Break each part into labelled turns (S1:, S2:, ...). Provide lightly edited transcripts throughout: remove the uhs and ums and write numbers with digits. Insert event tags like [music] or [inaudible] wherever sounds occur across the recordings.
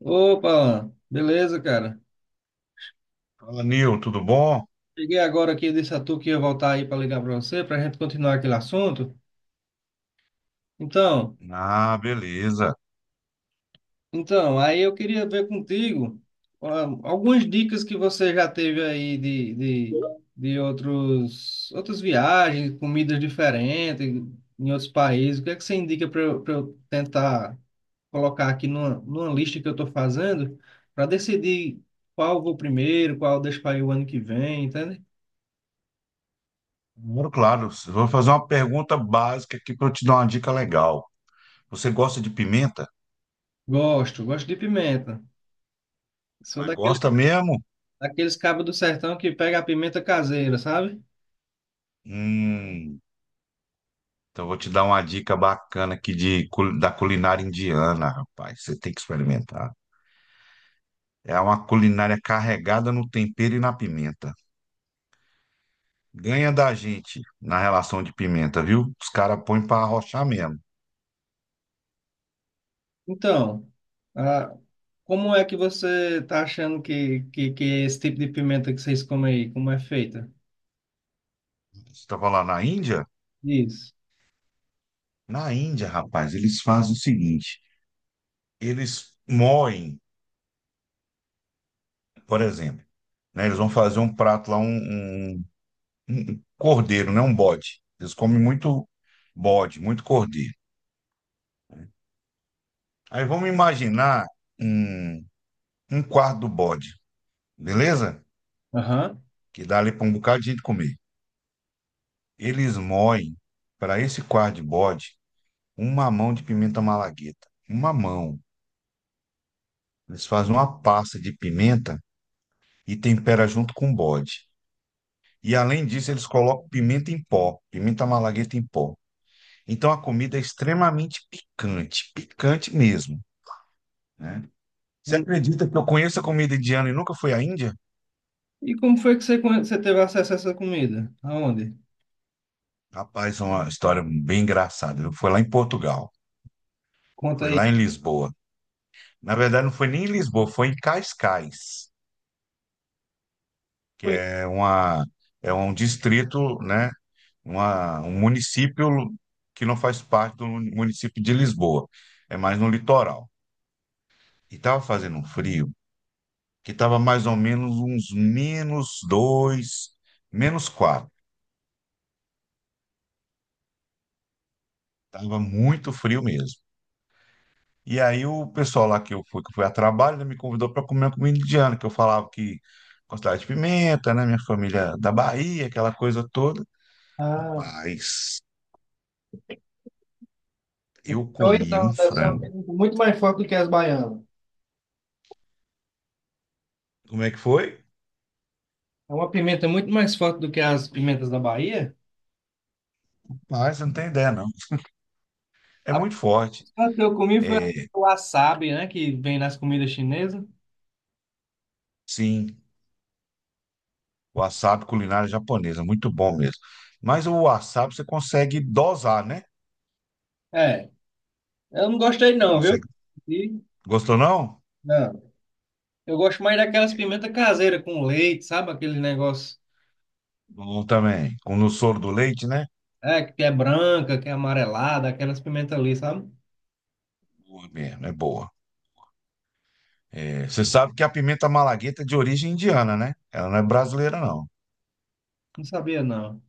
S1: Opa, Alan, beleza, cara?
S2: Fala, Nil, tudo bom?
S1: Cheguei agora aqui desse atu que ia voltar aí para ligar para você, para a gente continuar aquele assunto. Então,
S2: Ah, beleza.
S1: então, aí eu queria ver contigo, algumas dicas que você já teve aí de outros, outras viagens, comidas diferentes em outros países. O que é que você indica para eu tentar colocar aqui numa lista que eu estou fazendo para decidir qual eu vou primeiro, qual eu deixo para ir o ano que vem, entende?
S2: Moro, claro, vou fazer uma pergunta básica aqui para eu te dar uma dica legal. Você gosta de pimenta?
S1: Gosto, gosto de pimenta. Sou
S2: Mas
S1: daquele,
S2: gosta mesmo?
S1: daqueles cabos do sertão que pega a pimenta caseira, sabe?
S2: Hum, então vou te dar uma dica bacana aqui da culinária indiana, rapaz. Você tem que experimentar. É uma culinária carregada no tempero e na pimenta. Ganha da gente na relação de pimenta, viu? Os caras põem para arrochar mesmo.
S1: Então, ah, como é que você tá achando que é esse tipo de pimenta que vocês comem aí, como é feita?
S2: Você estava lá na Índia?
S1: Isso.
S2: Na Índia, rapaz, eles fazem o seguinte. Eles moem, por exemplo, né? Eles vão fazer um prato lá, um cordeiro, né? Um bode. Eles comem muito bode, muito cordeiro. Aí vamos imaginar um, um quarto do bode, beleza?
S1: Aham.
S2: Que dá ali para um bocado de gente comer. Eles moem para esse quarto de bode uma mão de pimenta malagueta. Uma mão. Eles fazem uma pasta de pimenta e tempera junto com o bode. E além disso, eles colocam pimenta em pó, pimenta malagueta em pó. Então a comida é extremamente picante, picante mesmo, né? Você
S1: Hum.
S2: acredita que eu conheço a comida indiana e nunca fui à Índia?
S1: E como foi que você teve acesso a essa comida? Aonde?
S2: Rapaz, é uma história bem engraçada. Eu fui lá em Portugal,
S1: Conta
S2: foi lá
S1: aí.
S2: em Lisboa. Na verdade, não foi nem em Lisboa, foi em Cascais, que
S1: Foi
S2: é uma é um distrito, né? Um município que não faz parte do município de Lisboa, é mais no litoral. E estava fazendo um frio que estava mais ou menos uns menos dois, menos quatro. Tava muito frio mesmo. E aí o pessoal lá que eu fui a trabalho, né, me convidou para comer uma comida indiana, que eu falava que gostava de pimenta, né? Minha família da Bahia, aquela coisa toda.
S1: Ah,
S2: Rapaz, eu
S1: ou
S2: comi um
S1: então, deve ser uma
S2: frango.
S1: pimenta muito mais forte do que as baianas.
S2: Como é que foi?
S1: É uma pimenta muito mais forte do que as pimentas da Bahia.
S2: Rapaz, você não tem ideia, não. É
S1: A
S2: muito forte.
S1: primeira que eu comi foi
S2: É,
S1: o wasabi, né, que vem nas comidas chinesas.
S2: sim, wasabi culinária japonesa, muito bom mesmo. Mas o wasabi você consegue dosar, né?
S1: É. Eu não gostei
S2: Você
S1: não, viu?
S2: consegue.
S1: E,
S2: Gostou, não?
S1: não. Eu gosto mais daquelas pimentas caseiras com leite, sabe? Aquele negócio
S2: Bom também. Com no soro do leite, né?
S1: é, que é branca, que é amarelada, aquelas pimentas ali, sabe?
S2: Boa mesmo, é boa. É, você sabe que a pimenta malagueta é de origem indiana, né? Ela não é brasileira, não.
S1: Não sabia não.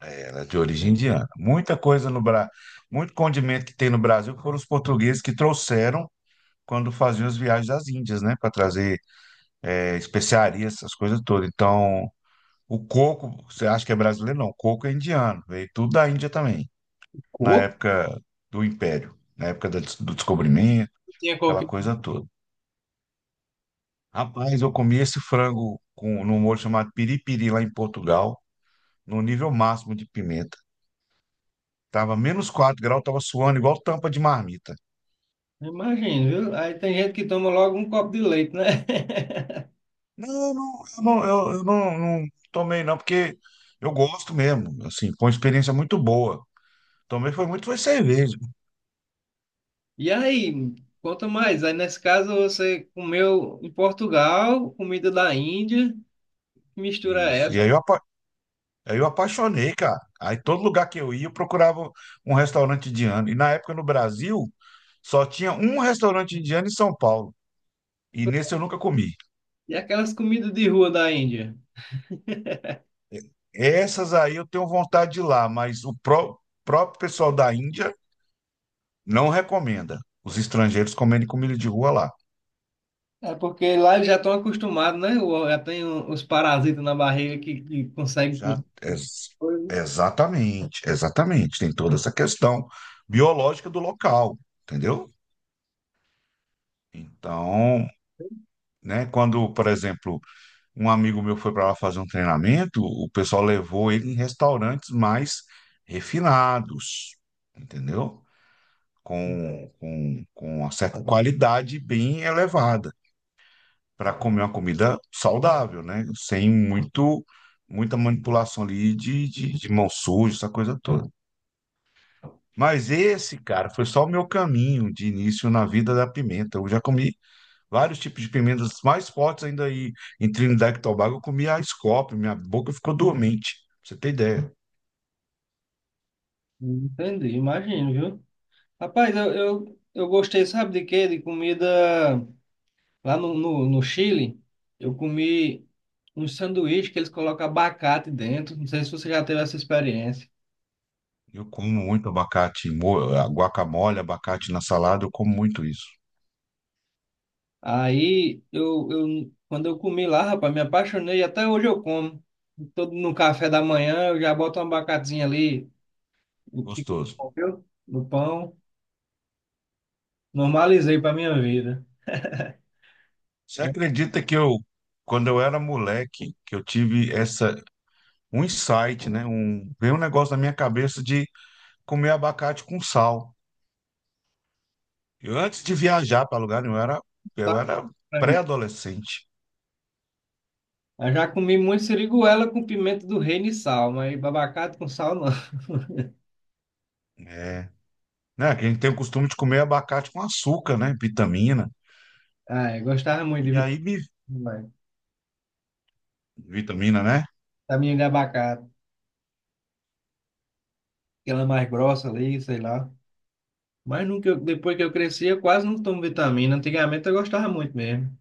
S2: Ela é de origem indiana. Muita coisa no Brasil, muito condimento que tem no Brasil foram os portugueses que trouxeram quando faziam as viagens às Índias, né? Para trazer especiarias, essas coisas todas. Então, o coco, você acha que é brasileiro? Não, o coco é indiano. Veio tudo da Índia também, na
S1: Coco?
S2: época do Império, na época do descobrimento,
S1: Tinha
S2: aquela
S1: coquinho.
S2: coisa toda. Rapaz, eu comi esse frango com, num molho chamado piripiri lá em Portugal, no nível máximo de pimenta. Tava menos 4 graus, tava suando igual tampa de marmita.
S1: Imagina, viu? Aí tem gente que toma logo um copo de leite, né? [laughs]
S2: Não, não, eu não, eu não- não tomei não, porque eu gosto mesmo, assim, foi uma experiência muito boa. Tomei foi muito, foi cerveja.
S1: E aí, conta mais. Aí nesse caso você comeu em Portugal, comida da Índia, que mistura é
S2: Isso.
S1: essa,
S2: Aí eu apaixonei, cara. Aí todo lugar que eu ia, eu procurava um restaurante indiano. E na época no Brasil, só tinha um restaurante indiano em São Paulo. E nesse eu nunca comi.
S1: e aquelas comidas de rua da Índia.
S2: Essas aí eu tenho vontade de ir lá, mas próprio pessoal da Índia não recomenda os estrangeiros comerem comida de rua lá.
S1: É porque lá eles já estão acostumados, né? O- já tem o- os parasitas na barriga que conseguem.
S2: Já,
S1: Com-
S2: ex-
S1: coisa.
S2: Exatamente, exatamente. Tem toda essa questão biológica do local, entendeu? Então, né, quando, por exemplo, um amigo meu foi para lá fazer um treinamento, o pessoal levou ele em restaurantes mais refinados, entendeu? Com uma certa qualidade bem elevada, para comer uma comida saudável, né? Sem muito, muita manipulação ali de mão suja, essa coisa toda. Mas esse, cara, foi só o meu caminho de início na vida da pimenta. Eu já comi vários tipos de pimentas mais fortes ainda aí. Em Trinidad e Tobago, eu comi a Scoop, minha boca ficou dormente, pra você ter ideia.
S1: Entendi, imagino, viu? Rapaz, eu gostei, sabe de quê? De comida lá no Chile. Eu comi um sanduíche que eles colocam abacate dentro. Não sei se você já teve essa experiência.
S2: Eu como muito abacate, guacamole, abacate na salada, eu como muito isso.
S1: Aí, eu, quando eu comi lá, rapaz, me apaixonei. Até hoje eu como. Todo no café da manhã, eu já boto um abacatezinho ali. Fica
S2: Gostoso.
S1: bom, viu? Do pão. Normalizei para minha vida.
S2: Você acredita que eu, quando eu era moleque, que eu tive essa, um insight, né? Um, veio um negócio na minha cabeça de comer abacate com sal. Eu, antes de viajar para lugar nenhum,
S1: Tá?
S2: eu era
S1: Pra mim.
S2: pré-adolescente,
S1: Eu já comi muito siriguela com pimenta do reino e sal, mas babacate com sal não. [laughs]
S2: é, né? Que a gente tem o costume de comer abacate com açúcar, né? Vitamina.
S1: Ah, eu gostava muito de
S2: E aí me...
S1: vitamina.
S2: Vitamina, né?
S1: Vitamina de abacate, aquela mais grossa ali, sei lá. Mas nunca, depois que eu cresci, eu quase não tomo vitamina. Antigamente eu gostava muito mesmo.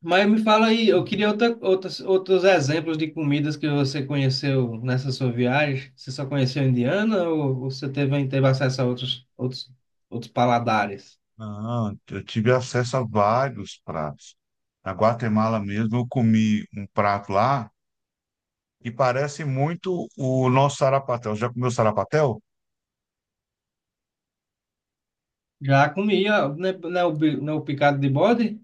S1: Mas me fala aí, eu queria outros exemplos de comidas que você conheceu nessa sua viagem. Você só conheceu indiana ou você teve, teve acesso a outros paladares?
S2: Ah, eu tive acesso a vários pratos. Na Guatemala mesmo, eu comi um prato lá que parece muito o nosso sarapatel. Já comeu sarapatel?
S1: Já comia, né, o, o picado de bode?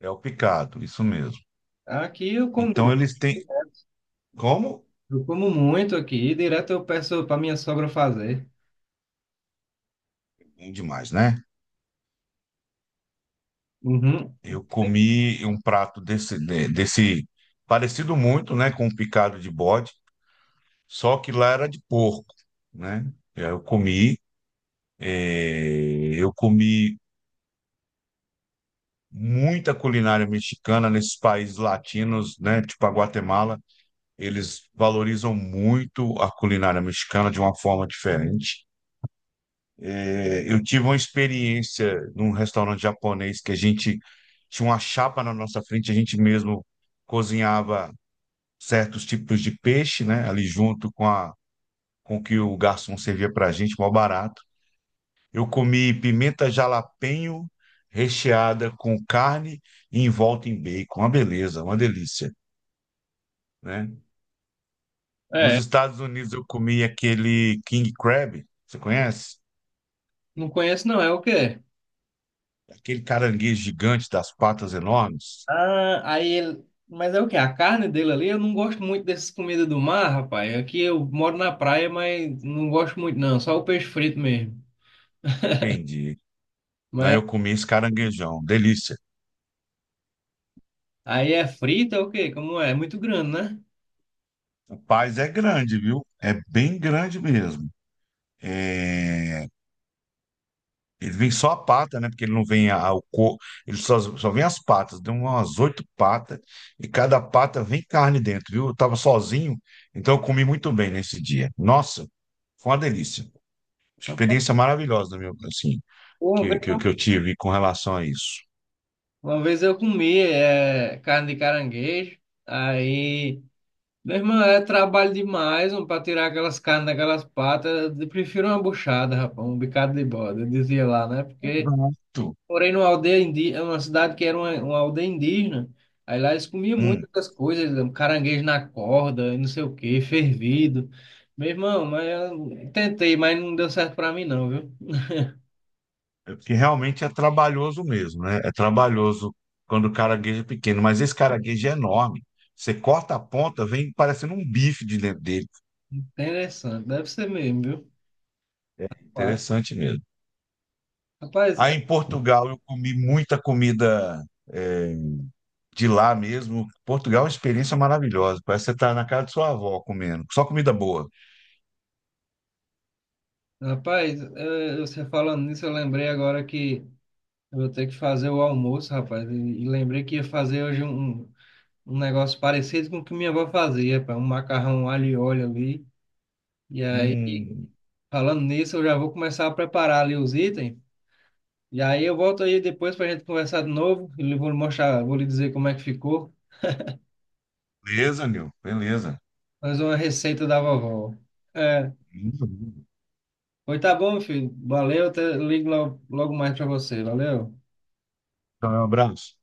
S2: É o picado, isso mesmo.
S1: Aqui eu como,
S2: Então eles têm. Como?
S1: eu como muito aqui, direto eu peço para minha sogra fazer.
S2: Bom demais, né?
S1: Uhum.
S2: Eu comi um prato desse, desse parecido muito, né, com um picado de bode, só que lá era de porco, né? E aí eu comi, eh, eu comi muita culinária mexicana nesses países latinos, né, tipo a Guatemala, eles valorizam muito a culinária mexicana de uma forma diferente. Eh, eu tive uma experiência num restaurante japonês que a gente tinha uma chapa na nossa frente, a gente mesmo cozinhava certos tipos de peixe, né? Ali junto com o que o garçom servia para a gente, mal barato. Eu comi pimenta jalapeño recheada com carne e envolta em bacon. Uma beleza, uma delícia, né? Nos
S1: É,
S2: Estados Unidos eu comi aquele king crab, você conhece?
S1: não conheço não, é o quê?
S2: Aquele caranguejo gigante das patas enormes.
S1: Ah, aí ele. Mas é o quê? A carne dele ali, eu não gosto muito dessas comidas do mar, rapaz. Aqui eu moro na praia, mas não gosto muito, não. Só o peixe frito mesmo.
S2: Entendi. Aí
S1: Mas
S2: eu comi esse caranguejão, delícia.
S1: aí é frito, é o quê? Como é? É muito grande, né?
S2: O Paz é grande, viu? É bem grande mesmo. É, ele vem só a pata, né? Porque ele não vem o corpo, só vem as patas. Deu umas 8 patas e cada pata vem carne dentro, viu? Eu tava sozinho, então eu comi muito bem nesse dia. Nossa, foi uma delícia.
S1: Rapaz,
S2: Experiência maravilhosa, meu, assim,
S1: Uma vez eu,
S2: que eu tive com relação a isso.
S1: uma vez eu comi é, carne de caranguejo. Aí, meu irmão, é trabalho demais para tirar aquelas carnes daquelas patas. Eu prefiro uma buchada, rapaz, um bicado de bode. Eu dizia lá, né? Porque.
S2: Exato.
S1: Morei numa aldeia indígena, uma cidade que era uma aldeia indígena. Aí lá eles comiam
S2: Hum,
S1: muitas coisas, caranguejo na corda, e não sei o que fervido. Meu irmão, mas eu tentei, mas não deu certo pra mim não, viu?
S2: é porque realmente é trabalhoso mesmo, né? É trabalhoso quando o caraguejo é pequeno, mas esse caraguejo é enorme. Você corta a ponta, vem parecendo um bife de dentro dele.
S1: Interessante, deve ser mesmo, viu? Claro.
S2: Interessante mesmo.
S1: Rapaz, eh,
S2: Aí em Portugal eu comi muita comida é, de lá mesmo. Portugal é uma experiência maravilhosa. Parece que você está na casa de sua avó comendo. Só comida boa.
S1: rapaz, eh, você falando nisso, eu lembrei agora que eu vou ter que fazer o almoço, rapaz. E lembrei que ia fazer hoje um negócio parecido com o que minha avó fazia, rapaz, um macarrão alho e óleo ali. E aí
S2: Hum,
S1: Falando nisso, eu já vou começar a preparar ali os itens. E aí eu volto aí depois para a gente conversar de novo. E lhe vou lhe mostrar, vou lhe dizer como é que ficou.
S2: beleza, Nil. Beleza.
S1: Mais uma receita da vovó. É. Pois tá bom, filho. Valeu. Até, ligo logo, logo mais para você. Valeu.
S2: Então, é um abraço.